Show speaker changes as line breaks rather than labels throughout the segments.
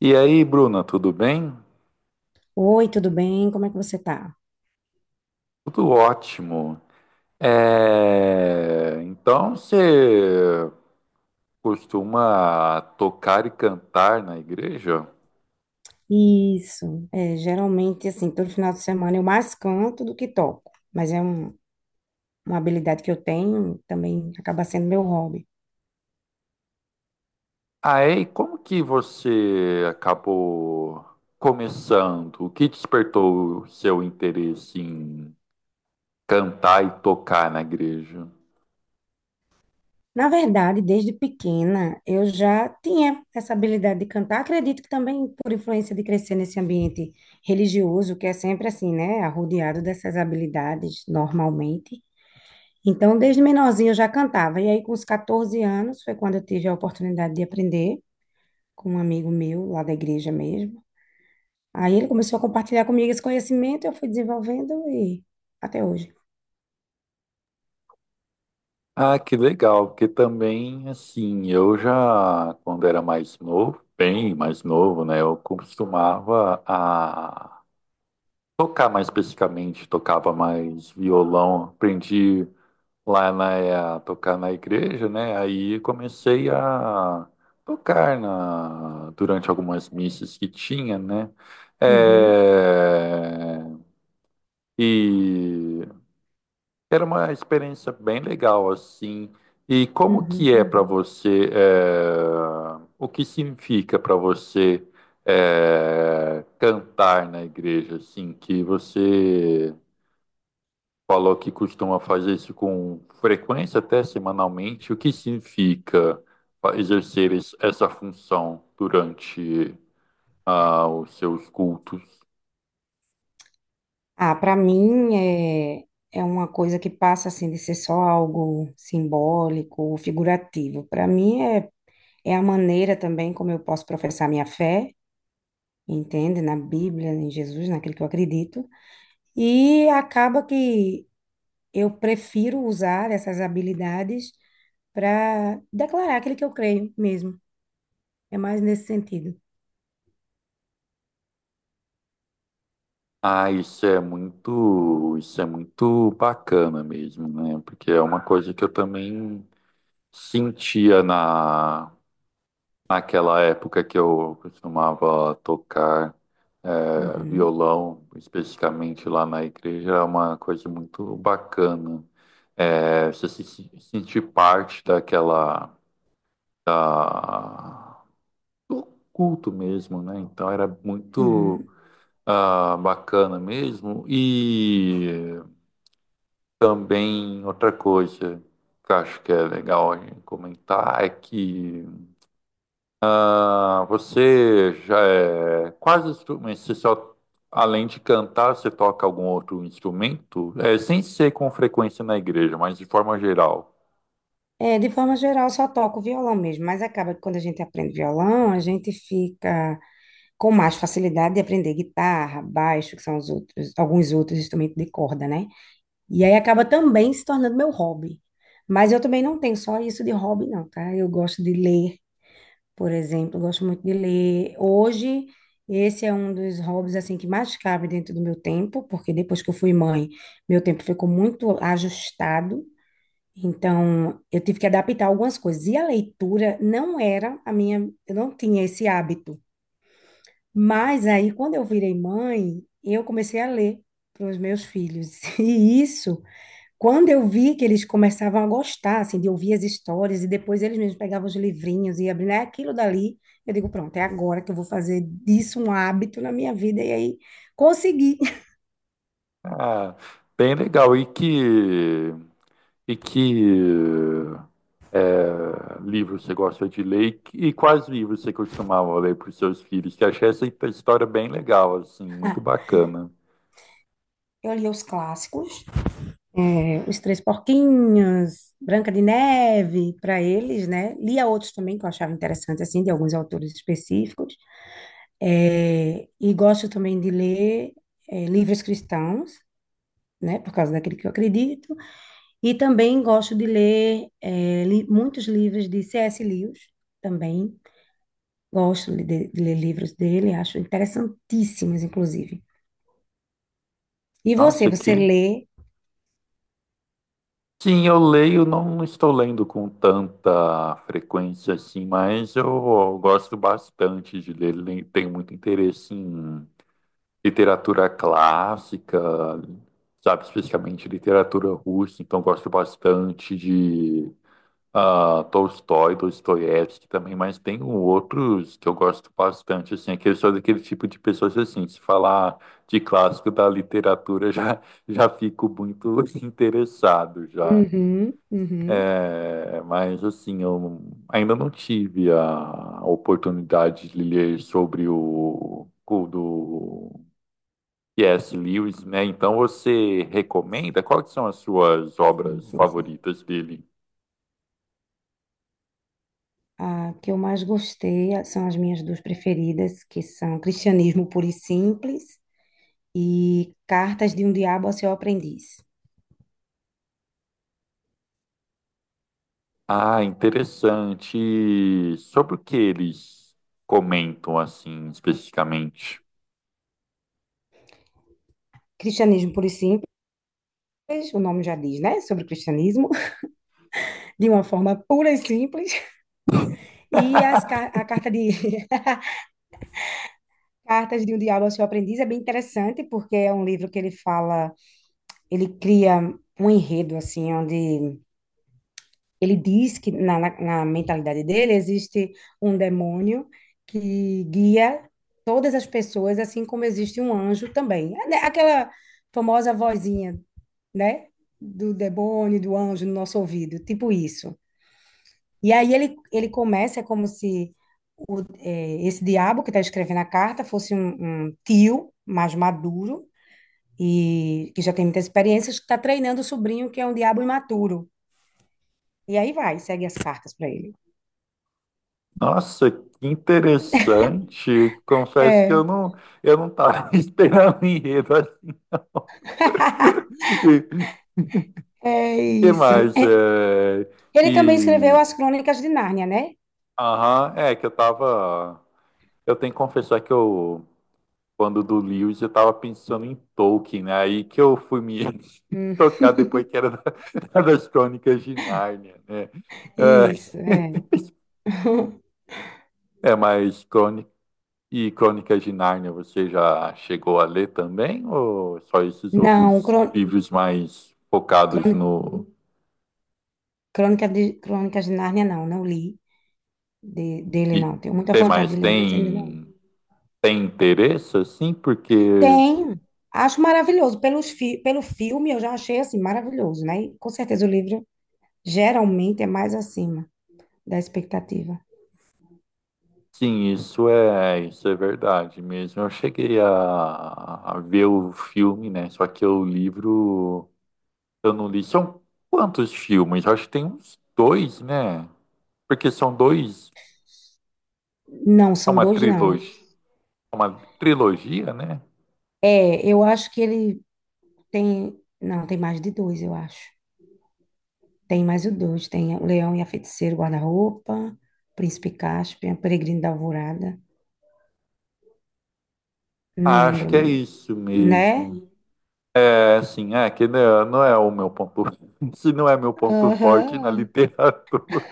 E aí, Bruna, tudo bem?
Oi, tudo bem? Como é que você tá?
Tudo ótimo. Então você costuma tocar e cantar na igreja?
Isso, é, geralmente, assim, todo final de semana eu mais canto do que toco, uma habilidade que eu tenho, também acaba sendo meu hobby.
Ah, é? E como que você acabou começando? O que despertou o seu interesse em cantar e tocar na igreja?
Na verdade, desde pequena, eu já tinha essa habilidade de cantar, acredito que também por influência de crescer nesse ambiente religioso, que é sempre assim, né, arrodeado dessas habilidades, normalmente. Então, desde menorzinha eu já cantava, e aí com os 14 anos foi quando eu tive a oportunidade de aprender, com um amigo meu lá da igreja mesmo. Aí ele começou a compartilhar comigo esse conhecimento, eu fui desenvolvendo e até hoje.
Ah, que legal, porque também, assim, eu já, quando era mais novo, bem mais novo, né, eu costumava a tocar mais especificamente, tocava mais violão. Aprendi a tocar na igreja, né? Aí comecei a durante algumas missas que tinha, né?
Uhum,
É, e era uma experiência bem legal, assim. E como
uhum.
que é para, uhum, você, o que significa para você, cantar na igreja, assim, que você falou que costuma fazer isso com frequência, até semanalmente. O que significa exercer essa função durante, os seus cultos?
Ah, para mim é, é uma coisa que passa assim de ser só algo simbólico ou figurativo. Para mim é, é a maneira também como eu posso professar minha fé, entende? Na Bíblia, em Jesus, naquilo que eu acredito. E acaba que eu prefiro usar essas habilidades para declarar aquilo que eu creio mesmo. É mais nesse sentido.
Ah, isso é muito bacana mesmo, né? Porque é uma coisa que eu também sentia naquela época que eu costumava tocar,
Uhum,
violão, especificamente lá na igreja, é uma coisa muito bacana. É, você se sentir parte da- do culto mesmo, né? Então era muito,
uhum.
bacana mesmo. E também outra coisa que eu acho que é legal a gente comentar é que, ah, você já é quase instrumento. Você só, além de cantar, você toca algum outro instrumento? É, sem ser com frequência na igreja, mas de forma geral.
É, de forma geral, eu só toco violão mesmo, mas acaba que quando a gente aprende violão, a gente fica com mais facilidade de aprender guitarra, baixo, que são os outros, alguns outros instrumentos de corda, né? E aí acaba também se tornando meu hobby. Mas eu também não tenho só isso de hobby, não, tá? Eu gosto de ler, por exemplo, eu gosto muito de ler. Hoje, esse é um dos hobbies, assim, que mais cabe dentro do meu tempo, porque depois que eu fui mãe, meu tempo ficou muito ajustado. Então, eu tive que adaptar algumas coisas. E a leitura não era a minha, eu não tinha esse hábito. Mas aí, quando eu virei mãe, eu comecei a ler para os meus filhos. E isso, quando eu vi que eles começavam a gostar, assim, de ouvir as histórias, e depois eles mesmos pegavam os livrinhos e abriam, é aquilo dali. Eu digo, pronto, é agora que eu vou fazer disso um hábito na minha vida. E aí, consegui.
Ah, bem legal. E que livro você gosta de ler? E quais livros você costumava ler para os seus filhos? Que eu achei essa história bem legal, assim, muito bacana.
Eu li os clássicos, é, Os Três Porquinhos, Branca de Neve, para eles, né? Lia outros também que eu achava interessante, assim, de alguns autores específicos. É, e gosto também de ler é, livros cristãos, né? Por causa daquele que eu acredito. E também gosto de ler muitos livros de C.S. Lewis, também. Gosto de ler livros dele, acho interessantíssimos, inclusive. E você,
Nossa, que,
você lê?
sim, eu leio, não estou lendo com tanta frequência assim, mas eu gosto bastante de ler, tenho muito interesse em literatura clássica, sabe, especialmente literatura russa, então gosto bastante de, Tolstói, Dostoiévski também, mas tem outros que eu gosto bastante, assim, é que eu sou daquele tipo de pessoas assim, se falar de clássico da literatura já, já fico muito interessado já.
Uhum, uhum.
É, mas assim, eu ainda não tive a oportunidade de ler sobre o do C.S. Lewis, né? Então você recomenda? Quais são as suas
Sim,
obras
sim,
favoritas dele?
a que eu mais gostei a- são as minhas duas preferidas, que são Cristianismo Puro e Simples e Cartas de um Diabo a Seu Aprendiz.
Ah, interessante. Sobre o que eles comentam assim especificamente?
Cristianismo Puro e Simples, o nome já diz, né? Sobre o cristianismo, de uma forma pura e simples. A carta de Cartas de um Diabo a Seu Aprendiz é bem interessante, porque é um livro que ele fala, ele cria um enredo, assim, onde ele diz que na mentalidade dele existe um demônio que guia todas as pessoas, assim como existe um anjo também. É, né, aquela famosa vozinha, né? Do demônio, do anjo no nosso ouvido, tipo isso. E aí ele começa, é como se esse diabo que está escrevendo a carta fosse um tio mais maduro e que já tem muitas experiências, que está treinando o sobrinho, que é um diabo imaturo. E aí vai, segue as cartas para ele.
Nossa, que interessante. Confesso que
É.
eu não estava esperando o enredo assim.
É
Que
isso.
mais? É...
Ele também escreveu
E.
as Crônicas de Nárnia, né?
Aham, é que eu tava. Eu tenho que confessar que eu, quando do Lewis, eu tava pensando em Tolkien, né? Aí que eu fui me
Hum,
tocar depois que era das Crônicas de Nárnia, né? É,
isso, é.
é, mas Crônicas de Nárnia, você já chegou a ler também? Ou só esses
Não,
outros
crô-
livros mais focados
crôni-
no.
crônica de, Crônicas de Nárnia não, não li de- dele
E
não. Tenho muita
tem
vontade
mais?
de ler, mas ainda não li.
Tem, tem interesse, assim? Porque.
Tem, acho maravilhoso. Pelo filme eu já achei assim maravilhoso, né? E, com certeza o livro geralmente é mais acima da expectativa.
Sim, isso é verdade mesmo. Eu cheguei a ver o filme, né? Só que o livro eu não li. São quantos filmes? Eu acho que tem uns dois, né? Porque são dois,
Não,
é
são dois não.
uma trilogia, né?
É, eu acho que não, tem mais de dois, eu acho. Tem mais o dois, tem o Leão e a Feiticeira, o Guarda-Roupa, Príncipe Caspian, o Peregrino da Alvorada, não
Ah, acho que é
lembro,
isso
né?
mesmo. É, assim, é que não é, não é o meu ponto, se não é meu ponto forte na
Aham.
literatura.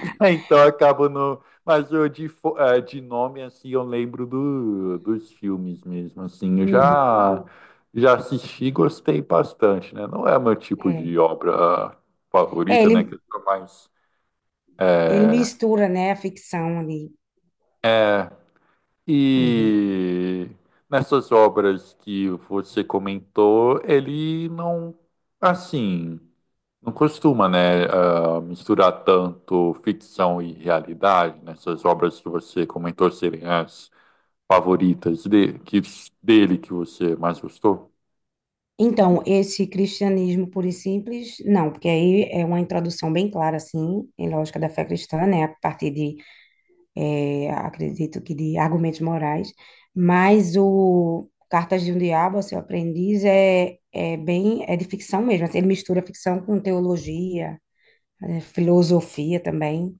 É, então eu acabo no. Mas eu de nome, assim, eu lembro do, dos filmes mesmo, assim. Eu
Uhum,
já, já assisti e gostei bastante, né? Não é meu tipo
é.
de obra
É,
favorita, né?
ele,
Que eu sou mais.
ele
eh,
mistura, né, a ficção ali.
é,
Uhum.
e nessas obras que você comentou, ele não. Assim. Não costuma, né, misturar tanto ficção e realidade nessas obras que você comentou serem as favoritas de, que, dele que você mais gostou.
Então, esse cristianismo puro e simples, não, porque aí é uma introdução bem clara, assim, em lógica da fé cristã, né, a partir de acredito que de argumentos morais, mas o Cartas de um Diabo, Seu Aprendiz, é, é bem, é de ficção mesmo, assim, ele mistura ficção com teologia, é, filosofia também.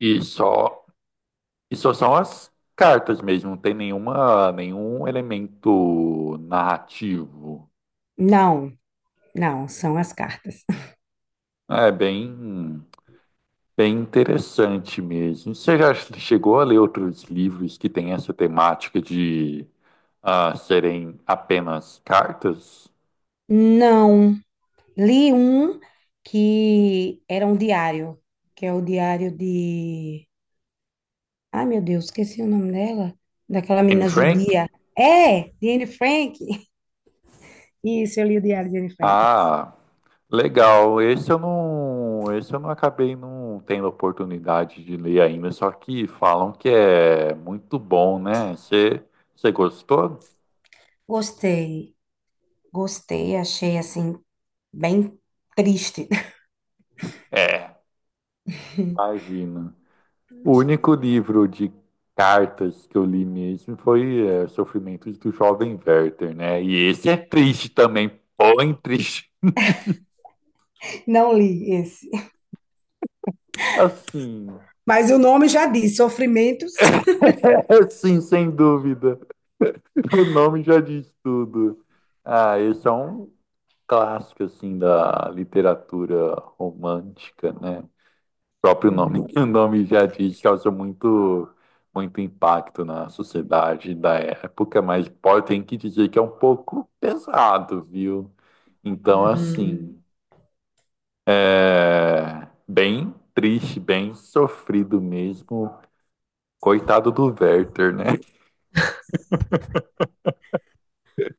E só, e só são as cartas mesmo, não tem nenhuma, nenhum elemento narrativo.
Não, não, são as cartas.
É bem interessante mesmo. Você já chegou a ler outros livros que têm essa temática de, serem apenas cartas?
Não, li um que era um diário, que é o diário de... Ai, meu Deus, esqueci o nome dela, daquela
Anne
menina
Frank?
judia. É, de Anne Frank. Isso, eu li o diário de Anne Frank.
Ah, legal. Esse eu não acabei não tendo oportunidade de ler ainda, só que falam que é muito bom, né? Você gostou?
Gostei. Gostei, achei assim, bem triste.
É. Imagina. O único livro de cartas que eu li mesmo foi, Sofrimentos do Jovem Werther, né? E esse é triste também, bom triste.
Não li esse.
Assim,
Mas o nome já diz, Sofrimentos.
sim, sem dúvida. O nome já diz tudo. Ah, esse é um clássico assim da literatura romântica, né? O próprio nome,
Uhum.
o nome já diz, causa muito impacto na sociedade da época, mas pode tem que dizer que é um pouco pesado, viu? Então,
Uhum.
assim, é bem triste, bem sofrido mesmo. Coitado do Werther, né?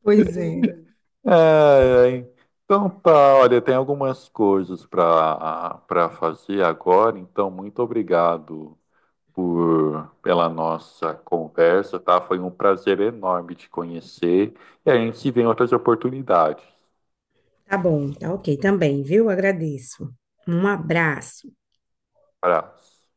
Pois é.
É, é, então tá, olha, tem algumas coisas para fazer agora, então muito obrigado por pela nossa conversa, tá? Foi um prazer enorme te conhecer e a gente se vê em outras oportunidades.
Tá bom, tá ok também, viu? Agradeço. Um abraço.
Abraço.